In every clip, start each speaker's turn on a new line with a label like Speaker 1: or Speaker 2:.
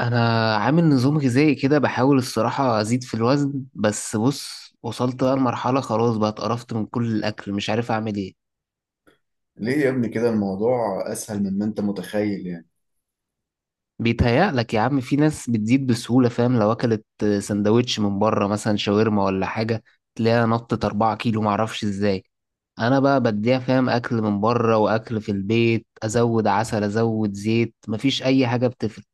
Speaker 1: انا عامل نظام غذائي كده، بحاول الصراحة ازيد في الوزن، بس بص وصلت بقى لمرحلة، خلاص بقى اتقرفت من كل الاكل، مش عارف اعمل ايه.
Speaker 2: ليه يا ابني كده؟ الموضوع اسهل مما انت متخيل يعني.
Speaker 1: بيتهيألك يا عم، في ناس بتزيد بسهولة، فاهم؟ لو اكلت سندوتش من بره مثلا، شاورما ولا حاجة، تلاقيها نطت أربعة كيلو، معرفش ازاي. انا بقى بديها فاهم، اكل من بره واكل في البيت، ازود عسل، ازود زيت، مفيش اي حاجة بتفرق.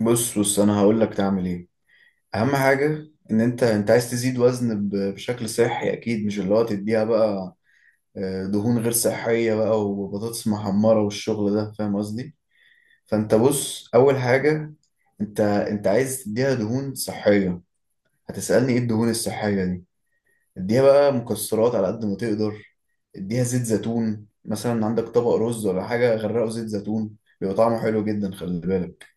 Speaker 2: بص، انا هقول لك تعمل ايه. اهم حاجه ان انت عايز تزيد وزن بشكل صحي، اكيد مش اللي هو تديها بقى دهون غير صحيه بقى وبطاطس محمره والشغل ده، فاهم قصدي. فانت بص، اول حاجه انت عايز تديها دهون صحيه. هتسالني ايه الدهون الصحيه دي؟ اديها بقى مكسرات على قد ما تقدر. اديها زيت زيتون مثلا، عندك طبق رز ولا حاجه، غرقه زيت زيتون، بيبقى طعمه حلو جدا، خلي بالك.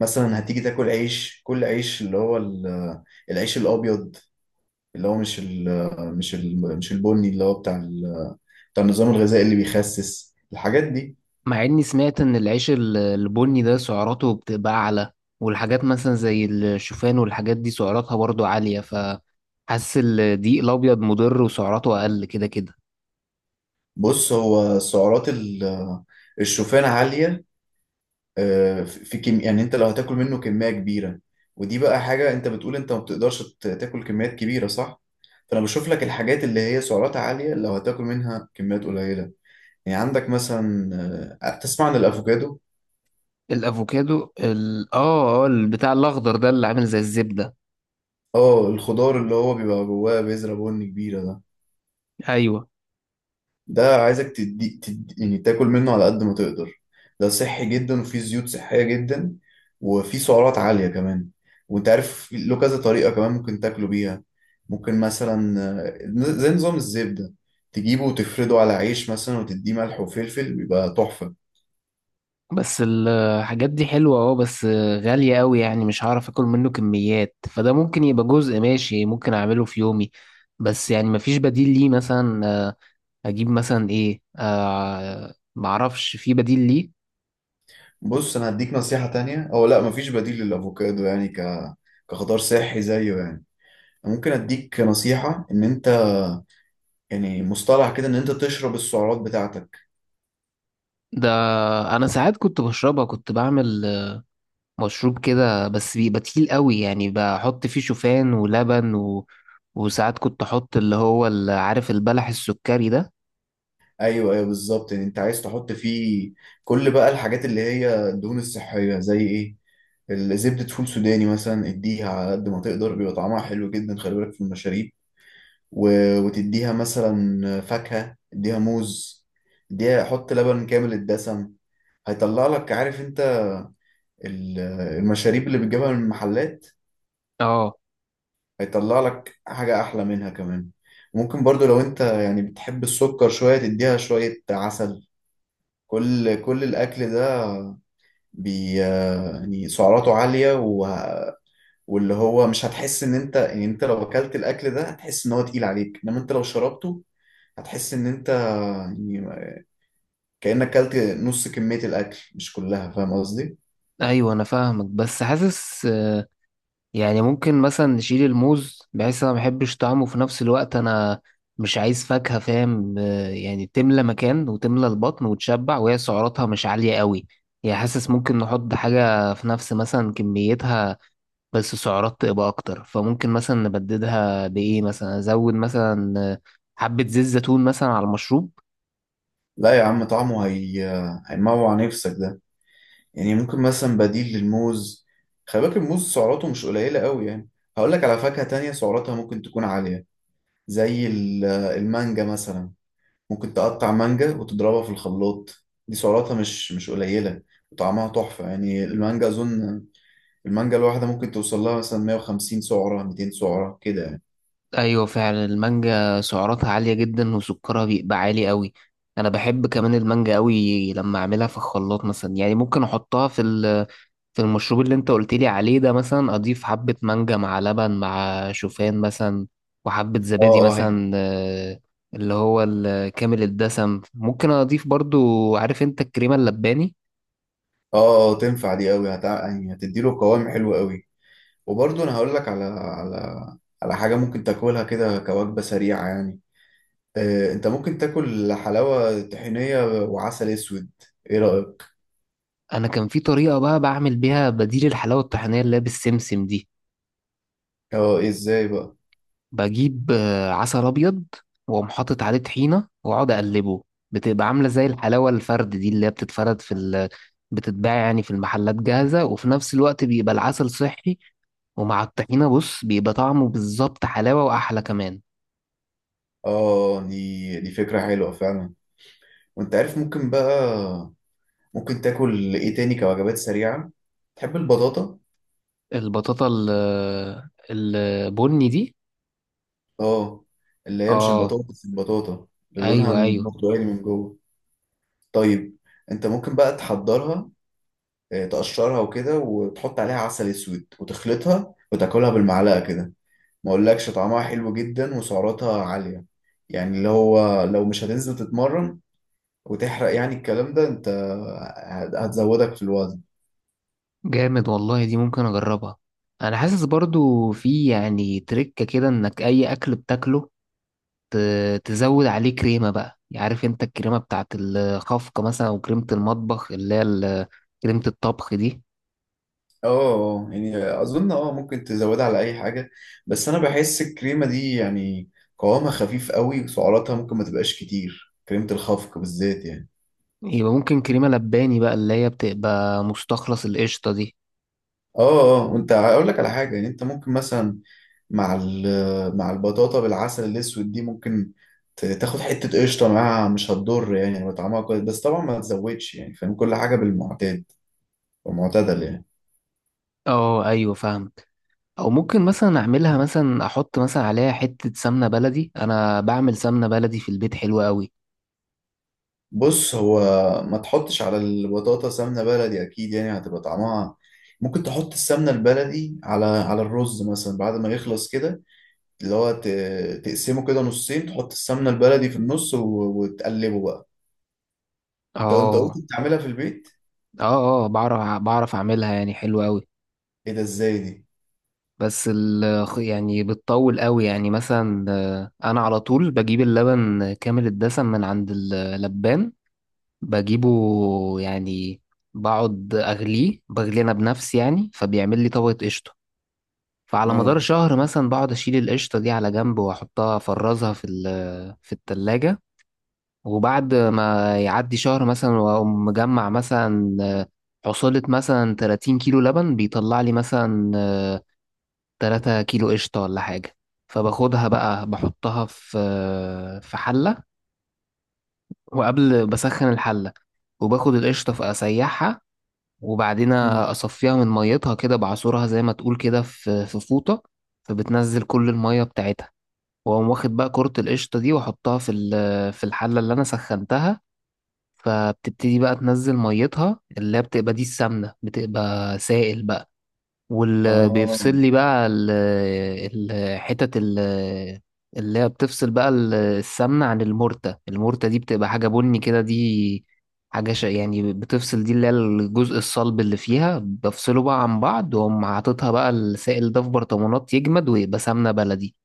Speaker 2: مثلا هتيجي تاكل عيش، كل عيش اللي هو العيش الابيض، اللي هو مش ال مش ال مش البني اللي هو بتاع النظام الغذائي اللي بيخسس الحاجات دي.
Speaker 1: مع اني سمعت ان العيش البني ده سعراته بتبقى اعلى، والحاجات مثلا زي الشوفان والحاجات دي سعراتها برضو عالية، فحاسس الدقيق الابيض مضر وسعراته اقل كده كده.
Speaker 2: بص، هو سعرات الشوفان عالية في كم يعني، انت لو هتاكل منه كمية كبيرة. ودي بقى حاجة، انت بتقول انت ما بتقدرش تاكل كميات كبيرة صح؟ فانا بشوف لك الحاجات اللي هي سعراتها عالية لو هتاكل منها كميات قليلة. يعني عندك مثلا تسمع عن الافوكادو؟
Speaker 1: الافوكادو ال... اه اه البتاع الاخضر ده اللي عامل زي الزبدة،
Speaker 2: اه، الخضار اللي هو بيبقى جواه بذرة بن كبيرة ده،
Speaker 1: ايوه.
Speaker 2: ده عايزك تدي، يعني تاكل منه على قد ما تقدر. ده صحي جدا وفيه زيوت صحية جدا، وفيه سعرات عالية كمان. وانت عارف له كذا طريقة كمان ممكن تاكله بيها. ممكن مثلا آه، زي نظام الزبدة، تجيبه وتفرده على عيش مثلا وتديه ملح وفلفل بيبقى تحفة.
Speaker 1: بس الحاجات دي حلوة، بس غالية قوي، يعني مش هعرف اكل منه كميات، فده ممكن يبقى جزء، ماشي ممكن اعمله في يومي، بس يعني مفيش بديل ليه مثلا؟ اجيب مثلا ايه؟ معرفش في بديل ليه.
Speaker 2: بص، انا هديك نصيحة تانية. او لا، مفيش بديل للافوكادو يعني، كخضار صحي زيه يعني. ممكن اديك نصيحة ان انت، يعني مصطلح كده، ان انت تشرب السعرات بتاعتك.
Speaker 1: ده انا ساعات كنت بشربها، كنت بعمل مشروب كده، بس بيبقى تقيل قوي، يعني بحط فيه شوفان ولبن وساعات كنت احط اللي هو عارف البلح السكري ده.
Speaker 2: ايوه، ايوه، بالظبط. يعني انت عايز تحط فيه كل بقى الحاجات اللي هي الدهون الصحيه، زي ايه؟ الزبدة، فول سوداني مثلا، اديها على قد ما تقدر بيبقى طعمها حلو جدا، خلي بالك في المشاريب. و... وتديها مثلا فاكهة، اديها موز، اديها، حط لبن كامل الدسم. هيطلع لك، عارف انت ال- المشاريب اللي بتجيبها من المحلات؟
Speaker 1: اه،
Speaker 2: هيطلع لك حاجة أحلى منها كمان. ممكن برضو لو أنت يعني بتحب السكر شوية تديها شوية عسل. كل كل الأكل ده يعني سعراته عالية، و... واللي هو مش هتحس إن أنت، يعني أنت لو أكلت الأكل ده هتحس إن هو تقيل عليك، إنما أنت لو شربته هتحس إن أنت يعني كأنك أكلت نص كمية الأكل مش كلها، فاهم قصدي؟
Speaker 1: ايوه انا فاهمك، بس حاسس يعني ممكن مثلا نشيل الموز، بحيث انا ما بحبش طعمه، في نفس الوقت انا مش عايز فاكهة، فاهم؟ يعني تملى مكان وتملى البطن وتشبع، وهي سعراتها مش عالية قوي، يعني حاسس ممكن نحط حاجة في نفس مثلا كميتها بس سعرات تبقى اكتر، فممكن مثلا نبددها بايه؟ مثلا ازود مثلا حبة زيت زيتون مثلا على المشروب.
Speaker 2: لا يا عم، طعمه هيموع نفسك ده يعني. ممكن مثلا بديل للموز، خلي بالك الموز سعراته مش قليلة قوي يعني. هقول لك على فاكهة تانية سعراتها ممكن تكون عالية، زي المانجا مثلا. ممكن تقطع مانجا وتضربها في الخلاط، دي سعراتها مش قليلة، وطعمها تحفة يعني. المانجا، أظن المانجا الواحدة ممكن توصل لها مثلا 150 سعرة، 200 سعرة كده يعني.
Speaker 1: ايوه فعلا المانجا سعراتها عالية جدا، وسكرها بيبقى عالي قوي. انا بحب كمان المانجا قوي، لما اعملها في الخلاط مثلا، يعني ممكن احطها في في المشروب اللي انت قلت لي عليه ده، مثلا اضيف حبة مانجا مع لبن مع شوفان مثلا، وحبة
Speaker 2: اه،
Speaker 1: زبادي
Speaker 2: اه،
Speaker 1: مثلا، اللي هو كامل الدسم، ممكن اضيف برضو، عارف انت الكريمة اللباني.
Speaker 2: اه، اه، تنفع دي قوي. يعني هتديله قوام حلو قوي. وبرضه انا هقول لك على حاجة ممكن تاكلها كده كوجبة سريعة، يعني انت ممكن تاكل حلاوة طحينية وعسل اسود. ايه رأيك؟
Speaker 1: انا كان في طريقة بقى بعمل بيها بديل الحلاوة الطحينية اللي هي بالسمسم دي،
Speaker 2: اه، إيه ازاي بقى؟
Speaker 1: بجيب عسل ابيض واقوم حاطط عليه طحينه واقعد اقلبه، بتبقى عامله زي الحلاوه الفرد دي اللي هي بتتفرد في بتتباع يعني في المحلات جاهزه، وفي نفس الوقت بيبقى العسل صحي، ومع الطحينه بص بيبقى طعمه بالظبط حلاوه، واحلى كمان.
Speaker 2: اه، دي فكرة حلوة فعلا. وانت عارف، ممكن تاكل ايه تاني كوجبات سريعة؟ تحب البطاطا؟
Speaker 1: البطاطا البني دي،
Speaker 2: اه، اللي هي مش
Speaker 1: اه
Speaker 2: البطاطا بس، البطاطا اللي لونها
Speaker 1: ايوه ايوه.
Speaker 2: برتقالي من جوه. طيب، انت ممكن بقى تحضرها، تقشرها وكده، وتحط عليها عسل اسود وتخلطها وتاكلها بالمعلقة كده. ما اقولكش طعمها حلو جدا وسعراتها عالية. يعني اللي هو لو مش هتنزل تتمرن وتحرق يعني الكلام ده، انت هتزودك في الوزن.
Speaker 1: جامد والله، دي ممكن اجربها. انا حاسس برضو في يعني تريكة كده، انك اي اكل بتاكله تزود عليه كريمة بقى، يعني عارف انت الكريمة بتاعت الخفقة مثلا، او كريمة المطبخ اللي هي كريمة الطبخ دي،
Speaker 2: اه، يعني اظن ممكن تزودها على اي حاجة. بس انا بحس الكريمة دي يعني قوامها خفيف قوي، وسعراتها ممكن ما تبقاش كتير، كريمة الخفق بالذات يعني.
Speaker 1: يبقى ممكن كريمة لباني بقى اللي هي بتبقى مستخلص القشطة دي.
Speaker 2: اه، اه. وانت، هقول لك على حاجه. يعني انت ممكن مثلا مع البطاطا بالعسل الاسود دي، ممكن تاخد حته قشطه معاها، مش هتضر يعني لما طعمها كويس. بس طبعا ما تزودش يعني، فاهم، كل حاجه بالمعتاد ومعتدل يعني.
Speaker 1: اه ايوه فاهم، او ممكن مثلا اعملها، مثلا احط مثلا عليها حتة سمنة بلدي، انا بعمل سمنة بلدي في البيت حلوة قوي.
Speaker 2: بص هو، ما تحطش على البطاطا سمنه بلدي اكيد يعني هتبقى طعمها. ممكن تحط السمنه البلدي على الرز مثلا بعد ما يخلص كده، اللي هو تقسمه كده نصين، تحط السمنه البلدي في النص وتقلبه بقى. انت قلت
Speaker 1: اه
Speaker 2: بتعملها في البيت؟
Speaker 1: اه اه، بعرف بعرف اعملها، يعني حلوة قوي،
Speaker 2: ايه ده، ازاي دي؟
Speaker 1: بس يعني بتطول قوي، يعني مثلا انا على طول بجيب اللبن كامل الدسم من عند اللبان، بجيبه يعني، بقعد اغليه بغليه انا بنفسي، يعني فبيعمل لي طبقة قشطة، فعلى مدار
Speaker 2: اه.
Speaker 1: شهر مثلا بقعد اشيل القشطة دي على جنب واحطها، افرزها في في التلاجة، وبعد ما يعدي شهر مثلا واقوم مجمع مثلا حصلت مثلا 30 كيلو لبن، بيطلع لي مثلا 3 كيلو قشطة ولا حاجة، فباخدها بقى، بحطها في حلة، وقبل بسخن الحلة، وباخد القشطة فأسيحها، وبعدين
Speaker 2: مم.
Speaker 1: أصفيها من ميتها كده، بعصرها زي ما تقول كده في فوطة، فبتنزل كل المية بتاعتها، وأقوم واخد بقى كرة القشطة دي وأحطها في في الحلة اللي أنا سخنتها، فبتبتدي بقى تنزل ميتها اللي هي بتبقى دي السمنة، بتبقى سائل بقى،
Speaker 2: اه،
Speaker 1: واللي
Speaker 2: اه.
Speaker 1: بيفصل لي بقى حتت اللي هي بتفصل بقى السمنة عن المرتة، المرتة دي بتبقى حاجة بني كده، دي حاجة يعني بتفصل، دي اللي هي الجزء الصلب اللي فيها، بفصله بقى عن بعض، وأقوم حاططها بقى السائل ده في برطمانات، يجمد ويبقى سمنة بلدي.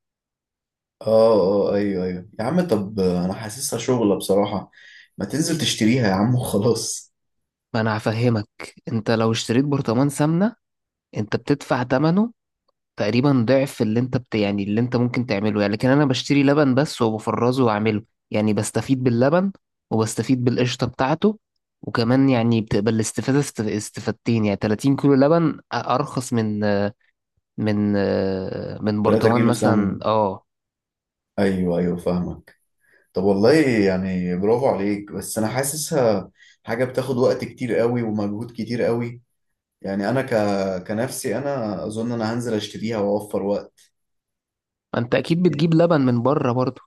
Speaker 2: اه، ايوه، ايوه يا عم. طب انا حاسسها شغلة بصراحة، ما تنزل تشتريها يا عم وخلاص؟
Speaker 1: ما أنا هفهمك، أنت لو اشتريت برطمان سمنة، أنت بتدفع تمنه تقريبا ضعف اللي انت يعني اللي انت ممكن تعمله، يعني لكن انا بشتري لبن بس وبفرزه واعمله، يعني بستفيد باللبن وبستفيد بالقشطة بتاعته، وكمان يعني بتبقى الاستفادة استفادتين، يعني 30 كيلو لبن ارخص من من
Speaker 2: 3
Speaker 1: برطمان
Speaker 2: كيلو سمنة.
Speaker 1: مثلا، اه.
Speaker 2: ايوه، ايوه، فاهمك. طب والله يعني برافو عليك، بس انا حاسسها حاجة بتاخد وقت كتير قوي ومجهود كتير قوي يعني. انا كنفسي انا، اظن انا هنزل اشتريها واوفر وقت.
Speaker 1: ما انت اكيد بتجيب لبن من بره برضه.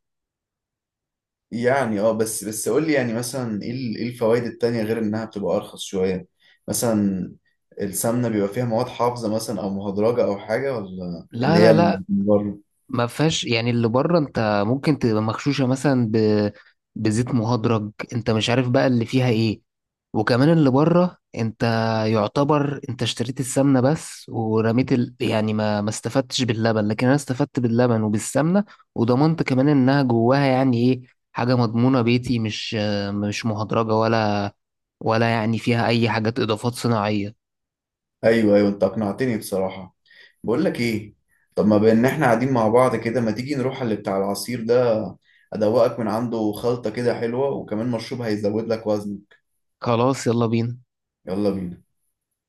Speaker 2: يعني اه، بس قول لي يعني مثلا ايه الفوائد التانية غير انها بتبقى ارخص شوية؟ مثلا السمنة بيبقى فيها مواد حافظة مثلا، او مهدرجة او حاجة، ولا
Speaker 1: لا
Speaker 2: اللي هي
Speaker 1: لا
Speaker 2: اللي
Speaker 1: لا،
Speaker 2: من بره؟
Speaker 1: ما فيهاش، يعني اللي بره انت ممكن تبقى مغشوشه مثلا بزيت مهدرج، انت مش عارف بقى اللي فيها ايه، وكمان اللي بره انت يعتبر انت اشتريت السمنه بس، ورميت يعني ما استفدتش باللبن، لكن انا استفدت باللبن وبالسمنه، وضمنت كمان انها جواها يعني ايه، حاجه مضمونه بيتي، مش مهدرجه، ولا يعني فيها اي حاجات اضافات صناعيه.
Speaker 2: ايوه، ايوه، انت اقنعتني بصراحة. بقول لك ايه، طب ما بان احنا قاعدين مع بعض كده، ما تيجي نروح على اللي بتاع العصير ده؟ ادوقك من عنده خلطة كده حلوة، وكمان مشروب هيزود لك وزن.
Speaker 1: خلاص، يلا بينا.
Speaker 2: يلا بينا.